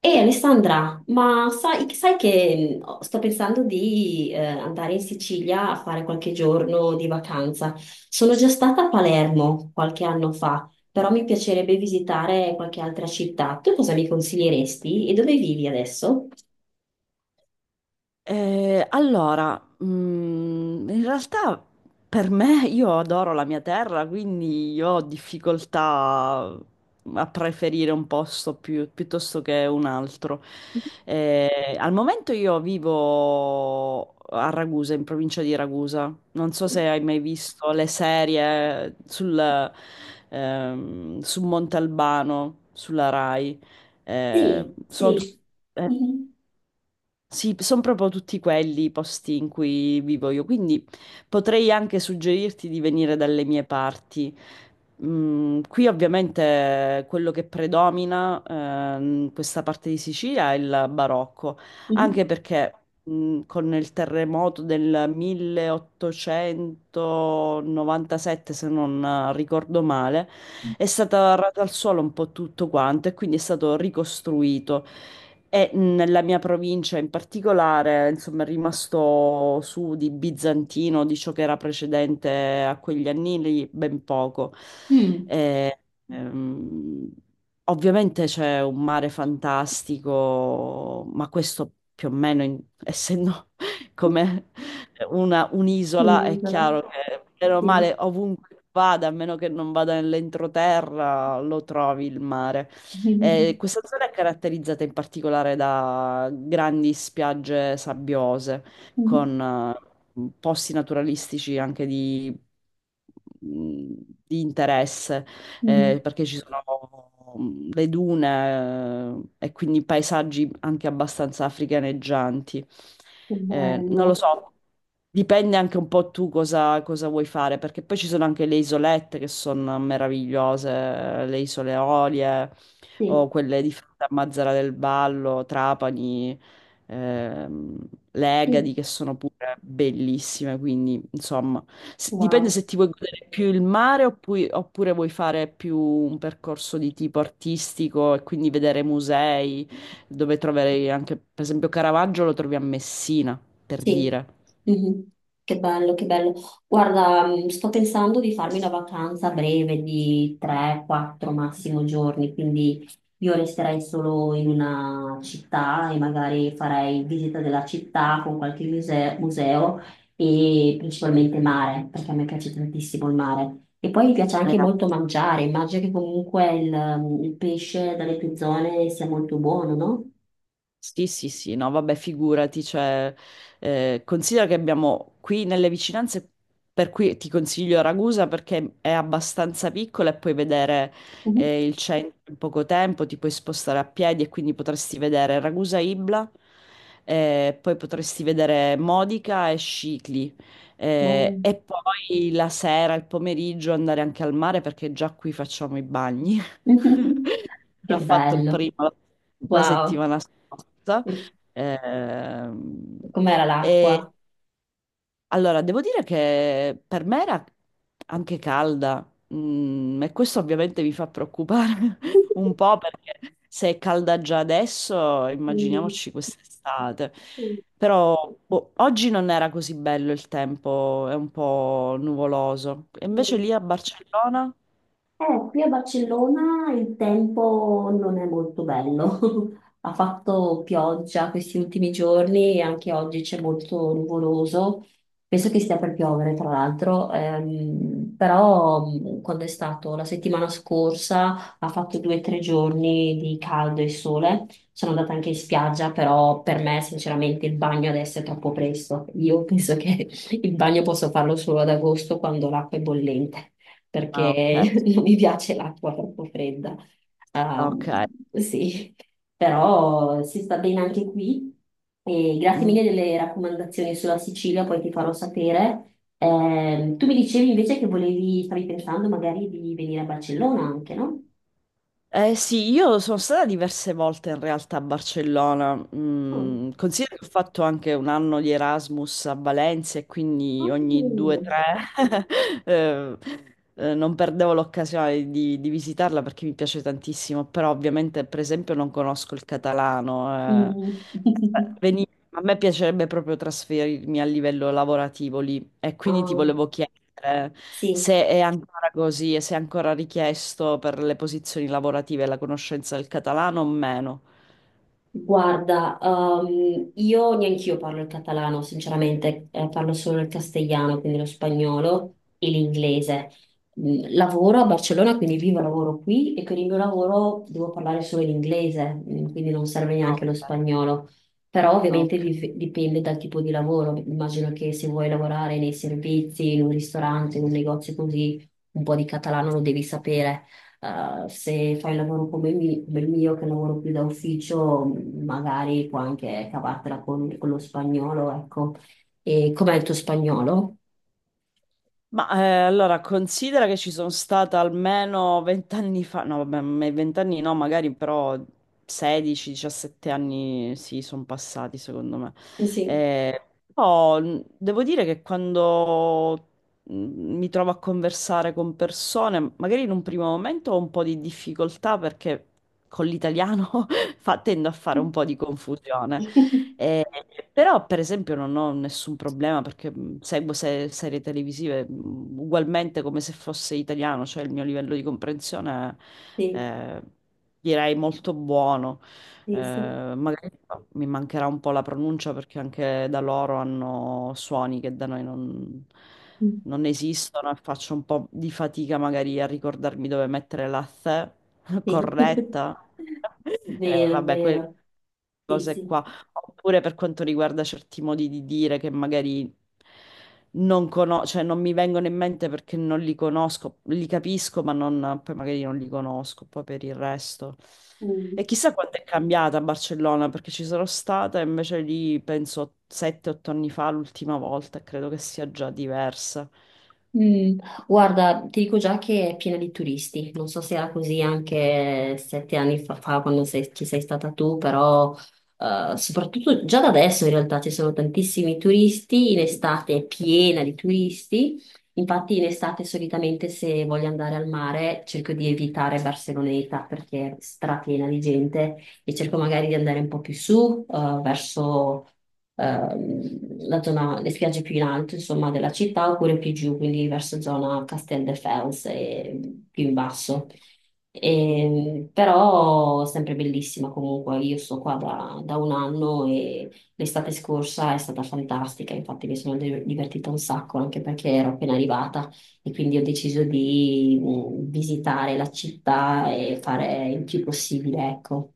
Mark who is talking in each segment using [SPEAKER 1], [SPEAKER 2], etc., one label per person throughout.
[SPEAKER 1] E Alessandra, ma sai che sto pensando di andare in Sicilia a fare qualche giorno di vacanza. Sono già stata a Palermo qualche anno fa, però mi piacerebbe visitare qualche altra città. Tu cosa mi consiglieresti e dove vivi adesso?
[SPEAKER 2] Allora, in realtà per me io adoro la mia terra, quindi io ho difficoltà a preferire un posto piuttosto che un altro. Al momento io vivo a Ragusa, in provincia di Ragusa. Non so se hai mai visto le serie su Montalbano, sulla Rai.
[SPEAKER 1] Sì,
[SPEAKER 2] Sono tutte
[SPEAKER 1] sì. Mhm,
[SPEAKER 2] Sì, sono proprio tutti quelli i posti in cui vivo io, quindi potrei anche suggerirti di venire dalle mie parti. Qui ovviamente quello che predomina in questa parte di Sicilia è il barocco,
[SPEAKER 1] mhm.
[SPEAKER 2] anche perché con il terremoto del 1897, se non ricordo male, è stato arrato al suolo un po' tutto quanto e quindi è stato ricostruito. E nella mia provincia in particolare, insomma, è rimasto su di bizantino, di ciò che era precedente a quegli anni lì, ben poco.
[SPEAKER 1] Mm.
[SPEAKER 2] E, ehm, ovviamente c'è un mare fantastico, ma questo più o meno, essendo come un'isola, è
[SPEAKER 1] Un'isola,
[SPEAKER 2] chiaro che bene o
[SPEAKER 1] sì.
[SPEAKER 2] male ovunque vada, a meno che non vada nell'entroterra, lo trovi il mare.
[SPEAKER 1] Mhm,
[SPEAKER 2] Questa zona è caratterizzata in particolare da grandi spiagge sabbiose,
[SPEAKER 1] mhm,
[SPEAKER 2] con posti naturalistici anche mm, di interesse,
[SPEAKER 1] mhm.
[SPEAKER 2] perché ci sono le dune e quindi paesaggi anche abbastanza africaneggianti.
[SPEAKER 1] Che
[SPEAKER 2] Non lo
[SPEAKER 1] bello,
[SPEAKER 2] so. Dipende anche un po' tu cosa vuoi fare, perché poi ci sono anche le isolette che sono meravigliose, le isole Eolie o
[SPEAKER 1] sì.
[SPEAKER 2] quelle di Mazzara del Vallo, Trapani, ehm, Legadi,
[SPEAKER 1] Sì.
[SPEAKER 2] che sono pure bellissime, quindi insomma, dipende
[SPEAKER 1] Wow.
[SPEAKER 2] se ti vuoi godere più il mare oppure vuoi fare più un percorso di tipo artistico e quindi vedere musei, dove troverai anche, per esempio, Caravaggio lo trovi a Messina, per
[SPEAKER 1] Sì,
[SPEAKER 2] dire.
[SPEAKER 1] mhm. Che bello, che bello. Guarda, sto pensando di farmi una vacanza breve di 3-4 massimo giorni, quindi io resterei solo in una città e magari farei visita della città con qualche museo e principalmente mare, perché a me piace tantissimo il mare. E poi mi piace anche molto mangiare, immagino che comunque il pesce dalle tue zone sia molto buono, no?
[SPEAKER 2] Sì, sì, sì, no, vabbè, figurati, cioè, considera che abbiamo qui nelle vicinanze, per cui ti consiglio Ragusa perché è abbastanza piccola e puoi vedere
[SPEAKER 1] Mhm.
[SPEAKER 2] il centro in poco tempo, ti puoi spostare a piedi e quindi potresti vedere Ragusa Ibla, poi potresti vedere Modica e Scicli,
[SPEAKER 1] Buono.
[SPEAKER 2] e poi la sera, il pomeriggio andare anche al mare perché già qui facciamo i bagni. Già
[SPEAKER 1] Che
[SPEAKER 2] fatto il
[SPEAKER 1] bello.
[SPEAKER 2] primo la
[SPEAKER 1] Wow.
[SPEAKER 2] settimana scorsa.
[SPEAKER 1] E
[SPEAKER 2] Ehm,
[SPEAKER 1] com'era l'acqua?
[SPEAKER 2] e allora, devo dire che per me era anche calda, e questo ovviamente mi fa preoccupare un po' perché se è calda già adesso,
[SPEAKER 1] Mm,
[SPEAKER 2] immaginiamoci quest'estate.
[SPEAKER 1] mm,
[SPEAKER 2] Però boh, oggi non era così bello il tempo, è un po' nuvoloso. E invece
[SPEAKER 1] mm.
[SPEAKER 2] lì a Barcellona?
[SPEAKER 1] Qui a Barcellona il tempo non è molto bello. Ha fatto pioggia questi ultimi giorni e anche oggi c'è molto nuvoloso. Penso che stia per piovere, tra l'altro. Però quando è stato la settimana scorsa ha fatto due o tre giorni di caldo e sole. Sono andata anche in spiaggia, però per me sinceramente il bagno adesso è troppo presto. Io penso che il bagno posso farlo solo ad agosto quando l'acqua è bollente
[SPEAKER 2] Ah, ok,
[SPEAKER 1] perché non mi piace l'acqua troppo fredda.
[SPEAKER 2] ok.
[SPEAKER 1] Ehm, sì, però si sta bene anche qui. E grazie
[SPEAKER 2] Mm.
[SPEAKER 1] mille delle raccomandazioni sulla Sicilia, poi ti farò sapere. Tu mi dicevi invece che stavi pensando magari di venire a Barcellona anche, no?
[SPEAKER 2] Eh sì, io sono stata diverse volte in realtà a Barcellona.
[SPEAKER 1] Oh.
[SPEAKER 2] Considero che ho fatto anche un anno di Erasmus a Valencia e quindi ogni due o
[SPEAKER 1] Mm.
[SPEAKER 2] tre eh, non perdevo l'occasione di visitarla perché mi piace tantissimo, però ovviamente per esempio non conosco il catalano.
[SPEAKER 1] Mm.
[SPEAKER 2] eh. A me piacerebbe proprio trasferirmi a livello lavorativo lì e quindi ti
[SPEAKER 1] Ah,
[SPEAKER 2] volevo chiedere
[SPEAKER 1] sì.
[SPEAKER 2] se è ancora così e se è ancora richiesto per le posizioni lavorative la conoscenza del catalano o meno.
[SPEAKER 1] Guarda, io neanch'io parlo il catalano, sinceramente, parlo solo il castigliano, quindi lo spagnolo e l'inglese. Mm, lavoro a Barcellona, quindi vivo e lavoro qui e con il mio lavoro devo parlare solo l'inglese, mm, quindi non serve
[SPEAKER 2] Ah,
[SPEAKER 1] neanche lo
[SPEAKER 2] ok.
[SPEAKER 1] spagnolo. Però
[SPEAKER 2] Ah,
[SPEAKER 1] ovviamente
[SPEAKER 2] ok.
[SPEAKER 1] dipende dal tipo di lavoro. Immagino che se vuoi lavorare nei servizi, in un ristorante, in un negozio così, un po' di catalano lo devi sapere. Se fai un lavoro come, come il mio, che lavoro più da ufficio, magari puoi anche cavartela con lo spagnolo, ecco. E com'è il tuo spagnolo?
[SPEAKER 2] Ma allora considera che ci sono stata almeno 20 anni fa, no vabbè, 20 anni no, magari però 16-17 anni sì, sono passati secondo me.
[SPEAKER 1] Sì.
[SPEAKER 2] Eh, Però devo dire che quando mh, mi trovo a conversare con persone, magari in un primo momento ho un po' di difficoltà perché con l'italiano tendo a fare un po' di confusione. Eh, Però, per esempio, non ho nessun problema perché seguo serie televisive ugualmente come se fosse italiano, cioè il mio livello di comprensione è,
[SPEAKER 1] Sì,
[SPEAKER 2] eh, direi molto buono.
[SPEAKER 1] sì, sì.
[SPEAKER 2] Magari mi mancherà un po' la pronuncia perché anche da loro hanno suoni che da noi non,
[SPEAKER 1] Mm,
[SPEAKER 2] non esistono e faccio un po' di fatica magari a ricordarmi dove mettere la th
[SPEAKER 1] sì.
[SPEAKER 2] corretta.
[SPEAKER 1] Vero,
[SPEAKER 2] Vabbè, quelle
[SPEAKER 1] vero. Sì,
[SPEAKER 2] cose qua.
[SPEAKER 1] sì.
[SPEAKER 2] Oppure per quanto riguarda certi modi di dire che magari non conosco, cioè non mi vengono in mente perché non li conosco, li capisco, ma poi magari non li conosco, poi per il resto. E
[SPEAKER 1] Mm.
[SPEAKER 2] chissà quanto è cambiata a Barcellona, perché ci sono stata, invece lì penso 7-8 anni fa, l'ultima volta, e credo che sia già diversa.
[SPEAKER 1] Mm, guarda, ti dico già che è piena di turisti, non so se era così anche 7 anni fa, quando ci sei stata tu, però soprattutto già da adesso in realtà ci sono tantissimi turisti, in estate è piena di turisti, infatti in estate solitamente se voglio andare al mare cerco di evitare Barceloneta perché è strapiena di gente e cerco magari di andare un po' più su, verso la zona, le spiagge più in alto, insomma, della città, oppure più giù, quindi verso zona Casteldefels e più in basso.
[SPEAKER 2] Sì. Sì.
[SPEAKER 1] E, però sempre bellissima comunque, io sto qua da 1 anno e l'estate scorsa è stata fantastica, infatti mi sono divertita un sacco anche perché ero appena arrivata e quindi ho deciso di visitare la città e fare il più possibile, ecco.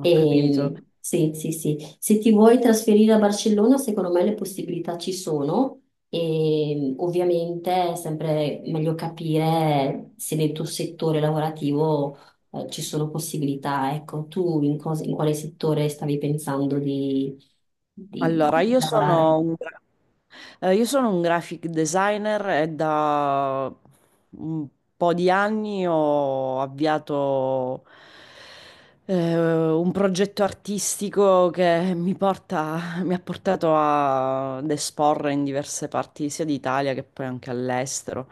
[SPEAKER 2] Ho capito.
[SPEAKER 1] E, sì, sì, sì. Se ti vuoi trasferire a Barcellona, secondo me le possibilità ci sono. E ovviamente è sempre meglio capire se nel tuo settore lavorativo ci sono possibilità. Ecco, tu in quale settore stavi pensando
[SPEAKER 2] Allora,
[SPEAKER 1] di lavorare?
[SPEAKER 2] io sono un graphic designer e da un po' di anni ho avviato eh, un progetto artistico che mi ha portato ad esporre in diverse parti sia d'Italia che poi anche all'estero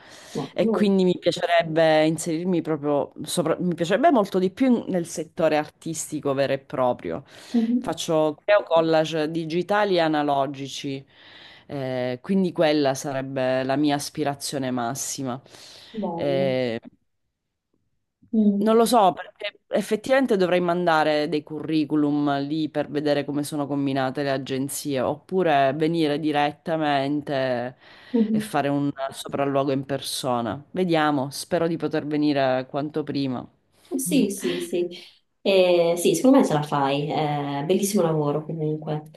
[SPEAKER 2] e
[SPEAKER 1] Wow.
[SPEAKER 2] quindi mi piacerebbe inserirmi proprio, mi piacerebbe molto di più nel settore artistico vero e proprio.
[SPEAKER 1] Mhm.
[SPEAKER 2] Faccio Creo collage digitali e analogici, quindi quella sarebbe la mia aspirazione massima.
[SPEAKER 1] Bello.
[SPEAKER 2] Eh, Non
[SPEAKER 1] Mm.
[SPEAKER 2] lo so, perché effettivamente dovrei mandare dei curriculum lì per vedere come sono combinate le agenzie, oppure venire direttamente e
[SPEAKER 1] Mhm.
[SPEAKER 2] fare un sopralluogo in persona. Vediamo, spero di poter venire quanto prima.
[SPEAKER 1] Sì, sì, sì. Sì, secondo me ce la fai. Bellissimo lavoro comunque.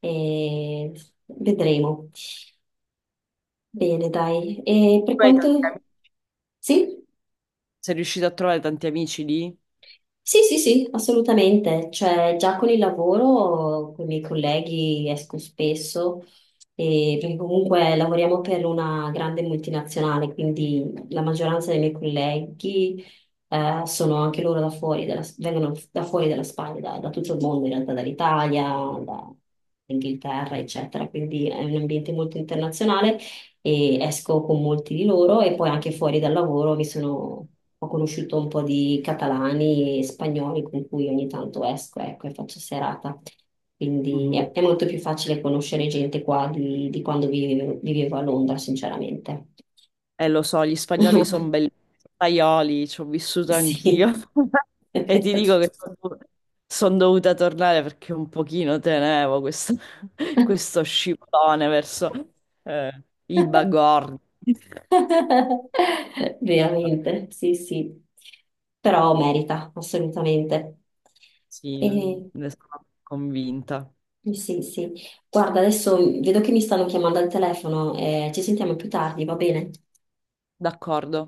[SPEAKER 1] Eh, vedremo. Bene, dai. E per
[SPEAKER 2] Tu hai tanti
[SPEAKER 1] quanto...
[SPEAKER 2] amici?
[SPEAKER 1] Sì?
[SPEAKER 2] Sei riuscito a trovare tanti amici lì?
[SPEAKER 1] Sì, sì, sì, assolutamente. Cioè, già con il lavoro, con i miei colleghi esco spesso, perché comunque lavoriamo per una grande multinazionale, quindi la maggioranza dei miei colleghi sono anche loro da fuori vengono da fuori dalla Spagna, da tutto il mondo, in realtà dall'Italia, dall'Inghilterra, eccetera. Quindi è un ambiente molto internazionale e esco con molti di loro e poi anche fuori dal lavoro ho conosciuto un po' di catalani e spagnoli con cui ogni tanto esco, ecco, e faccio serata. Quindi
[SPEAKER 2] Mhm.
[SPEAKER 1] è molto più facile conoscere gente qua di quando vivevo a Londra, sinceramente.
[SPEAKER 2] Lo so, gli spagnoli sono belli, spagnoli, ci ho vissuto anch'io.
[SPEAKER 1] Sì.
[SPEAKER 2] E ti dico che sono dovuta tornare perché un pochino tenevo questo, questo scivolone verso i bagordi.
[SPEAKER 1] Veramente, sì, sì. Però merita, assolutamente.
[SPEAKER 2] Sì,
[SPEAKER 1] E...
[SPEAKER 2] ne sono convinta.
[SPEAKER 1] Sì, sì. Sì. Guarda, adesso vedo che mi stanno chiamando al telefono, ci sentiamo più tardi, va bene?
[SPEAKER 2] D'accordo.